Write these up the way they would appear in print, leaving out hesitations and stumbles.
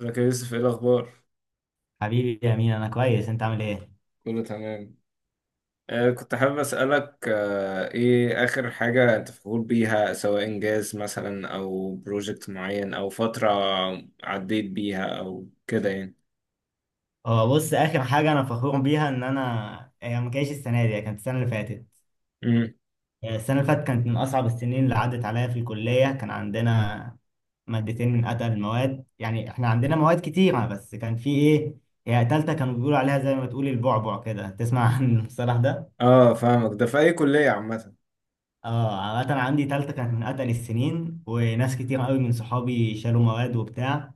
ازيك يا يوسف، ايه الاخبار؟ حبيبي يا مين، انا كويس. انت عامل ايه؟ كله تمام. كنت حابب اسالك ايه اخر حاجه انت فخور بيها، سواء انجاز مثلا او بروجكت معين او فتره عديت بيها او كده يعني. اه بص، اخر حاجه انا فخور بيها ان انا، هي ما كانتش السنه دي، هي كانت السنه اللي فاتت. امم السنه اللي فاتت كانت من اصعب السنين اللي عدت عليا في الكليه. كان عندنا مادتين من اتقل المواد، يعني احنا عندنا مواد كتيره بس كان في ايه، هي تالتة كانوا بيقولوا عليها زي ما تقول البعبع كده، تسمع عن المصطلح ده. اه فاهمك. ده في اي كليه؟ عامه. اه عامه، عندي تالتة كانت من اتقل السنين، وناس كتير قوي من صحابي شالوا مواد وبتاع.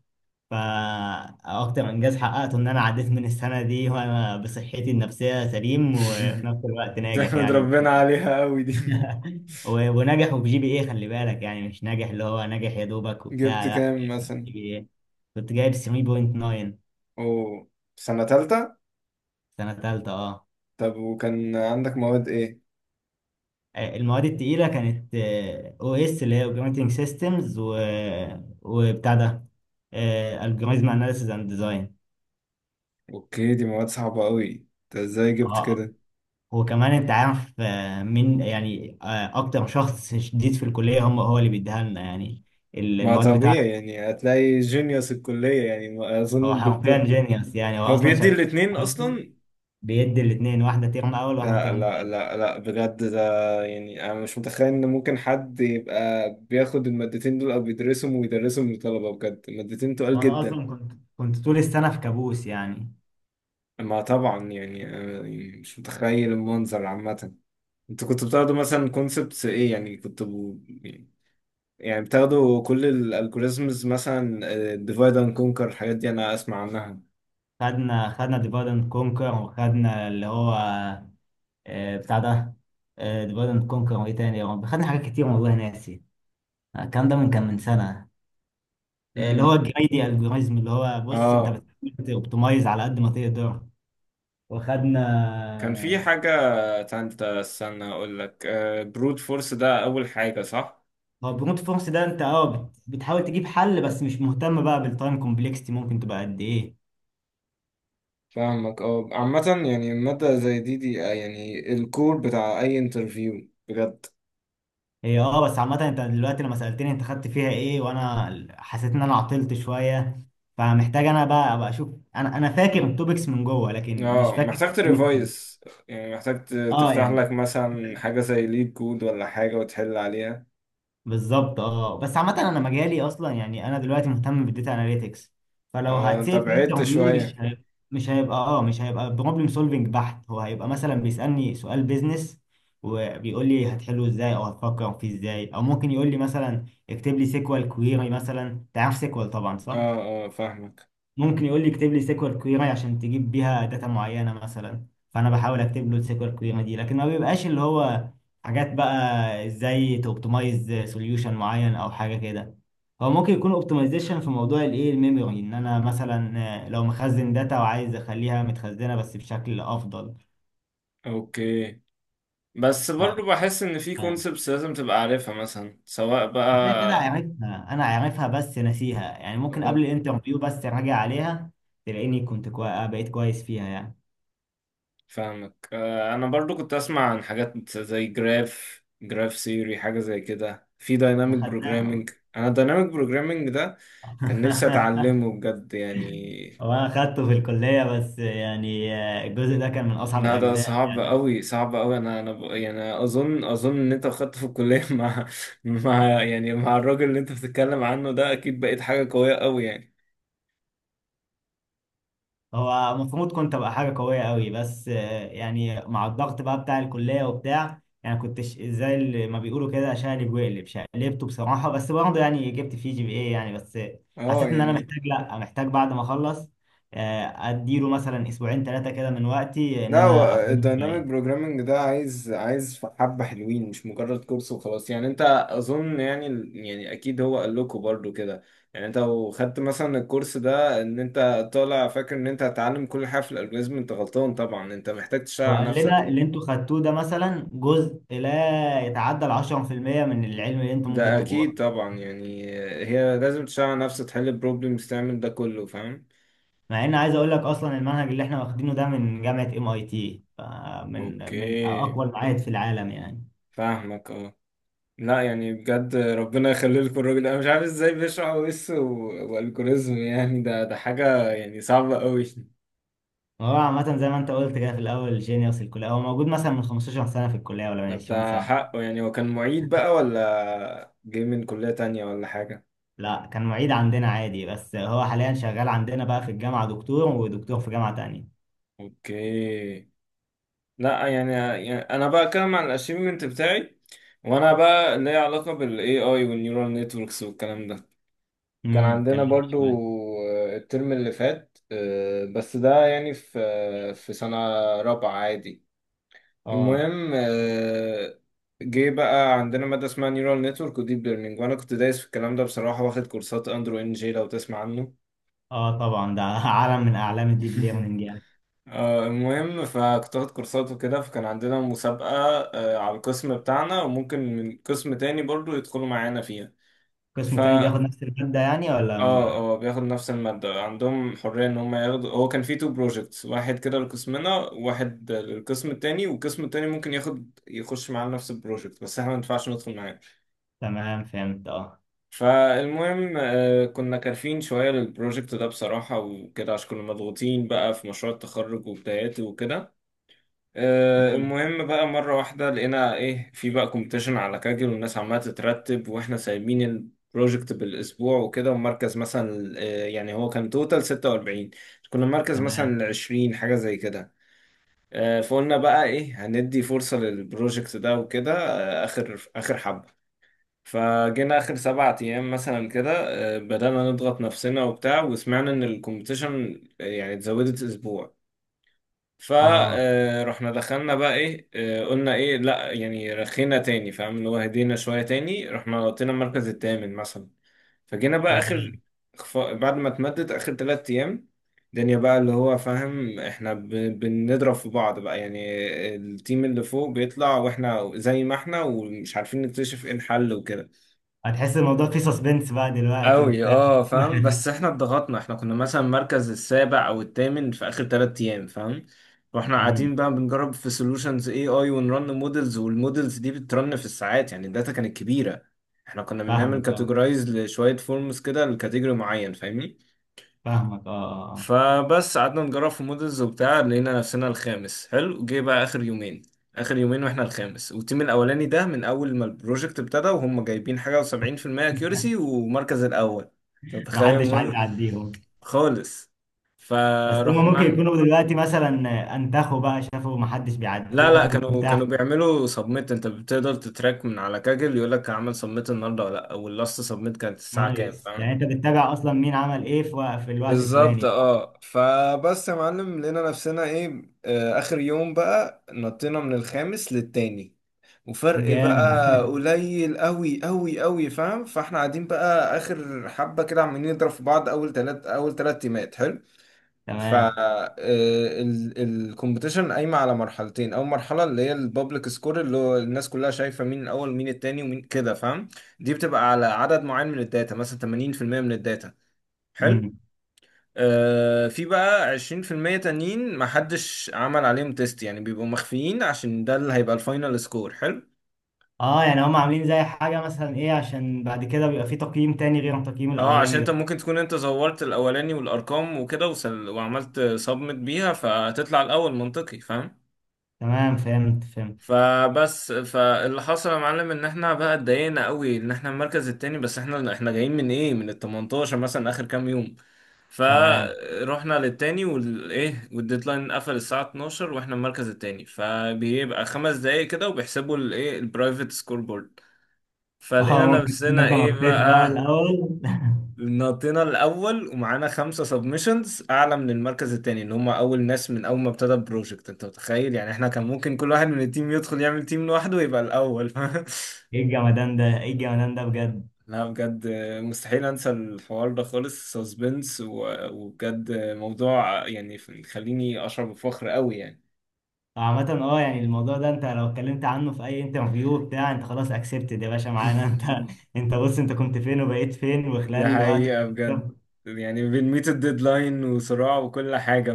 فأكتر إنجاز حققته إن أنا عديت من السنة دي وأنا بصحتي النفسية سليم وفي نفس الوقت ناجح تحمد يعني. ربنا عليها قوي دي. وناجح وفي جي بي إيه، خلي بالك، يعني مش ناجح اللي هو ناجح يا دوبك وبتاع، جبت لا. كام مثلا؟ جي بي إيه كنت جايب 7.9. او سنه تالتة؟ سنة تالتة أه. طب وكان عندك مواد ايه؟ المواد التقيلة كانت او اس اللي هي اوبريتنج سيستمز، وبتاع ده الجوريزم اناليسيز اند ديزاين. اوكي، دي مواد صعبه قوي، انت ازاي جبت كده؟ وكمان انت عارف مين يعني، اكتر شخص شديد في الكليه هم، هو اللي بيديها لنا يعني، ما المواد طبيعي بتاعته. يعني، هتلاقي جينيوس الكلية، يعني ما أظن هو حرفيا الدكتور جينيوس يعني. هو هو اصلا بيدي شغال في الاتنين حياتنا. أصلا. بيدي الاثنين، واحده ترم اول واحده لا ترم لا تاني. لا لا بجد ده. يعني أنا مش متخيل إن ممكن حد يبقى بياخد المادتين دول أو بيدرسهم ويدرسهم للطلبة، بجد المادتين تقال وانا جدا. اصلا كنت طول السنه في كابوس يعني. ما طبعا يعني، أنا يعني مش متخيل المنظر عامة. أنتوا كنتوا بتاخدوا مثلا كونسبتس إيه، يعني كنتوا ب- يعني بتاخدوا كل الالجوريزمز مثلا ديفايد اند كونكر، الحاجات دي أنا أسمع عنها. خدنا ديفايد اند كونكر، وخدنا اللي هو بتاع ده، ديفايد اند كونكر، وايه تاني يا رب؟ خدنا حاجات كتير والله ناسي، الكلام ده من كان من سنه. اللي هو امم الجريدي الجوريزم، اللي هو بص انت اه بتحاول توبتمايز على قد ما تقدر. وخدنا، كان في حاجة تالتة، استنى أقول لك، برود فورس ده أول حاجة صح؟ هو برونت فورس ده انت اه بتحاول تجيب حل بس مش مهتم بقى بالتايم كومبلكستي ممكن تبقى قد ايه. فاهمك اه. عامة يعني مادة زي دي يعني الكور بتاع أي انترفيو بجد. هي اه بس عامة، انت دلوقتي لما سألتني انت خدت فيها ايه، وانا حسيت ان انا عطلت شوية، فمحتاج انا بقى ابقى اشوف. انا فاكر التوبكس من جوه لكن مش اه فاكر. محتاج تريفايز، يعني محتاج اه تفتح يعني، لك مثلا حاجة زي ليد كود ولا حاجة وتحل عليها. بالظبط. اه بس عامة، انا مجالي اصلا يعني، انا دلوقتي مهتم بالداتا اناليتكس، فلو اه انت هتسال في بعدت انترفيو مش شوية. هيبقى، مش هيبقى بروبلم سولفنج بحت. هو هيبقى مثلا بيسألني سؤال بيزنس وبيقول لي هتحله ازاي او هتفكر فيه ازاي، او ممكن يقول لي مثلا اكتب لي سيكوال كويري مثلا. تعرف سيكوال طبعا صح؟ اه فاهمك. ممكن يقول لي اكتب لي سيكوال كويري عشان تجيب بيها داتا معينه مثلا، فانا بحاول اكتب له السيكوال كويري دي. لكن ما بيبقاش اللي هو حاجات بقى ازاي توبتمايز سوليوشن معين او حاجه كده. هو ممكن يكون اوبتمايزيشن في موضوع الايه، الميموري، ان انا مثلا لو مخزن داتا وعايز اخليها متخزنه بس بشكل افضل. اوكي، بس برضو ف بحس ان في كونسبتس لازم تبقى عارفها، مثلا سواء كده كده بقى. عارفها، انا عارفها بس ناسيها يعني. ممكن قبل الانترفيو بس راجع عليها تلاقيني بقيت كويس فيها يعني. فاهمك انا برضو كنت اسمع عن حاجات زي جراف، جراف سيوري، حاجه زي كده، في احنا دايناميك خدناها. بروجرامينج. انا الدايناميك بروجرامينج ده كان نفسي اتعلمه بجد يعني. هو انا خدته في الكليه بس يعني الجزء ده كان من اصعب لا ده الاجزاء صعب يعني. قوي صعب قوي، انا يعني اظن ان انت خدت في الكليه مع مع يعني مع الراجل اللي انت بتتكلم عنه ده، اكيد بقيت حاجه قويه قوي يعني. هو المفروض كنت ابقى حاجه قويه قوي بس يعني مع الضغط بقى بتاع الكليه وبتاع، يعني كنت زي اللي ما بيقولوا كده شقلب واقلب شقلبته بصراحه، بس برضه يعني جبت فيه جي بي اي يعني. بس اه حسيت ان انا يعني محتاج بعد ما اخلص اديله مثلا اسبوعين ثلاثه كده من وقتي ان لا، هو انا افهمه الدايناميك بعيد. بروجرامنج ده عايز حبة حلوين، مش مجرد كورس وخلاص يعني، انت اظن يعني، يعني اكيد هو قال لكم برضو كده. يعني انت لو خدت مثلا الكورس ده، ان انت طالع فاكر ان انت هتتعلم كل حاجة في الالجوريزم، انت غلطان طبعا، انت محتاج تشتغل على وقال نفسك. لنا اللي انتوا خدتوه ده مثلا جزء لا يتعدى ال 10% من العلم اللي انتوا ممكن ده تبقوه. اكيد طبعا يعني، هي لازم تشتغل على نفسك، تحل بروبلمز، تعمل ده كله، فاهم؟ مع ان عايز اقول لك اصلا المنهج اللي احنا واخدينه ده من جامعه ام اي تي، فمن اوكي. اقوى المعاهد في العالم يعني. فاهمك اه. لا يعني بجد ربنا يخلي لكم الراجل ده. انا مش عارف ازاي بيشرح او اس والجوريزم يعني، ده حاجه يعني صعبه قوي. هو عامه زي ما انت قلت كده في الاول، جينيوس الكليه، هو موجود مثلا من 15 سنه في الكليه ولا من طب 20 ده سنه. حقه، يعني هو كان معيد بقى ولا جاي من كليه تانية ولا حاجه؟ لا كان معيد عندنا عادي، بس هو حاليا شغال عندنا بقى في الجامعه دكتور، ودكتور في جامعه تانية. اوكي. لا يعني، يعني انا بقى اتكلم عن الاشيفمنت بتاعي، وانا بقى ليا علاقه بالاي اي والنيورال نتوركس والكلام ده. كان امم، كان عندنا لذيذ برضو شويه. الترم اللي فات، بس ده يعني في في سنه رابعه عادي. اه، المهم جه بقى عندنا مادة اسمها نيورال نتورك وديب ليرنينج، وانا كنت دايس في الكلام ده بصراحة، واخد كورسات اندرو ان جي، لو تسمع عنه. اه طبعا ده عالم من اعلام الديب ليرنينج يعني. المهم فكنت واخد كورسات وكده، فكان عندنا مسابقة على القسم بتاعنا، وممكن من قسم تاني برضو يدخلوا معانا فيها. ف قسم تاني بياخد نفس الماده يعني ولا اه بياخد نفس المادة، عندهم حرية ان هم ياخدوا، هو كان في تو بروجكتس، واحد كده لقسمنا واحد للقسم التاني، والقسم التاني ممكن ياخد يخش معانا نفس البروجكت بس احنا ما ينفعش ندخل معاه. تمام فهمت اه. فالمهم كنا كارفين شوية للبروجكت ده بصراحة وكده، عشان كنا مضغوطين بقى في مشروع التخرج وبداياته وكده. مم. المهم بقى مرة واحدة لقينا ايه في بقى كومبيتيشن على كاجل، والناس عمالة تترتب واحنا سايبين البروجكت بالأسبوع وكده، ومركز مثلا يعني هو كان توتال 46، كنا مركز تمام. مثلا 20 حاجة زي كده. فقلنا بقى ايه هندي فرصة للبروجكت ده وكده، آخر حبة. فجينا آخر 7 أيام مثلا كده، بدأنا نضغط نفسنا وبتاع، وسمعنا إن الكومبيتيشن يعني اتزودت أسبوع، اه فرحنا دخلنا بقى إيه قلنا إيه لأ، يعني رخينا تاني فاهم، اللي هو هدينا شوية تاني، رحنا نطينا المركز التامن مثلا. فجينا بقى تمام، آخر بعد ما اتمدد آخر 3 أيام، الدنيا بقى اللي هو فاهم، احنا بنضرب في بعض بقى يعني، التيم اللي فوق بيطلع واحنا زي ما احنا، ومش عارفين نكتشف ايه الحل وكده. هتحس الموضوع فيه سسبنس بقى دلوقتي قوي وبتاع. اه فاهم، بس احنا اتضغطنا، احنا كنا مثلا مركز السابع او الثامن في اخر 3 ايام فاهم. واحنا قاعدين امم، بقى بنجرب في سولوشنز اي اي، ونرن مودلز، والمودلز دي بترن في الساعات يعني، الداتا كانت كبيره. احنا كنا بنعمل فاهمك اه، كاتيجورايز لشويه فورمز كده لكاتيجوري معين فاهمني. فاهمك اه آه، فبس قعدنا نجرب في مودلز وبتاع، لقينا نفسنا الخامس، حلو. جه بقى اخر يومين، اخر يومين واحنا الخامس، والتيم الاولاني ده من اول ما البروجكت ابتدى وهم جايبين حاجه و70% آه. اكيورسي ومركز الاول. انت متخيل محدش عايز موديل؟ يعديهم. خالص. بس هما ممكن فرحنا. يكونوا دلوقتي مثلا انتخوا بقى شافوا محدش لا بيعديهم كانوا وبتاع. كانوا بيعملوا سبميت، انت بتقدر تتراك من على كاجل، يقول لك عمل سبميت النهارده ولا لا، واللاست سبميت كانت الساعه كام نايس، فاهم. يعني انت بتتابع اصلا مين عمل ايه في في الوقت بالظبط الفلاني. اه. فبس يا معلم، لقينا نفسنا ايه آه اخر يوم بقى نطينا من الخامس للتاني، وفرق جامد. بقى قليل قوي قوي قوي فاهم، فاحنا قاعدين بقى اخر حبة كده، عمالين نضرب في بعض، اول تلات اول تلات تيمات حلو. ف تمام. الكومبيتيشن قايمة على مرحلتين، اول مرحلة اللي هي البابليك سكور، اللي هو الناس كلها شايفة مين الاول مين التاني ومين كده فاهم، دي بتبقى على عدد معين من الداتا، مثلا 80% من الداتا حلو. امم. في بقى 20% تانيين محدش عمل عليهم تيست يعني، بيبقوا مخفيين، عشان ده اللي هيبقى الفاينل سكور حلو. اه يعني هم عاملين زي حاجة مثلا ايه عشان بعد كده بيبقى في تقييم تاني غير التقييم اه عشان الاولاني انت ده. ممكن تكون انت زورت الاولاني والارقام وكده وعملت سبمت بيها، فهتطلع الاول، منطقي فاهم. تمام فهمت فهمت. فبس، فاللي حصل يا معلم ان احنا بقى اتضايقنا قوي ان احنا المركز التاني، بس احنا جايين من ايه من ال 18 مثلا اخر كام يوم. تمام، فروحنا للتاني والايه، والديدلاين قفل الساعة 12 واحنا المركز التاني، فبيبقى خمس دقايق كده وبيحسبوا الايه البرايفت سكور بورد. اه فلقينا ممكن تكون نفسنا انت ايه نطيت بقى بقى، الاول. نطينا الاول ومعانا 5 سبمشنز اعلى من المركز التاني، ان هم اول ناس من اول ما ابتدى البروجكت. انت متخيل يعني احنا كان ممكن كل واحد من التيم يدخل يعمل تيم لوحده ويبقى الاول. ايه الجمدان ده، ايه الجمدان ده بجد. لا بجد، مستحيل انسى الحوار ده خالص، سسبنس وبجد موضوع يعني يخليني اشعر بفخر قوي يعني. عامة اه، يعني الموضوع ده انت لو اتكلمت عنه في اي انترفيو بتاع، انت خلاص اكسبتد يا باشا معانا. انت، انت بص، انت كنت فين وبقيت فين وخلال دي الوقت. حقيقة بجد. يعني بنميت الديدلاين وصراع وكل حاجة.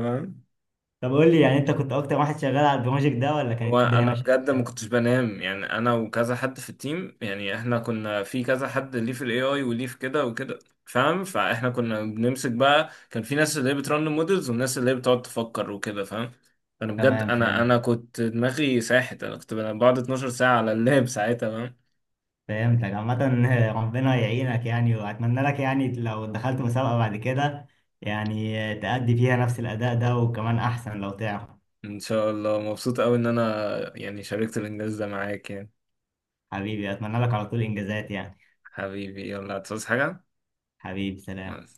طب قول لي يعني، انت كنت اكتر واحد شغال على البروجكت ده ولا كانت الدنيا وانا ماشية بجد ما إزاي؟ كنتش بنام يعني، انا وكذا حد في التيم، يعني احنا كنا في كذا حد ليه في الاي اي، وليه في كده وكده فاهم. فاحنا كنا بنمسك بقى، كان في ناس اللي هي بترن مودلز، والناس اللي هي بتقعد تفكر وكده فاهم. فانا بجد تمام انا فهمت، انا كنت دماغي ساحت، انا كنت بنام بقعد 12 ساعة على اللاب ساعتها فاهم. فهمتك عامة. ربنا يعينك يعني، واتمنى لك يعني لو دخلت مسابقة بعد كده يعني تأدي فيها نفس الاداء ده وكمان احسن لو تعرف. ان شاء الله. مبسوط قوي ان انا يعني شاركت الانجاز ده معاك يعني. حبيبي اتمنى لك على طول انجازات يعني. حبيبي يلا هتصحى. حبيبي سلام. حاجة.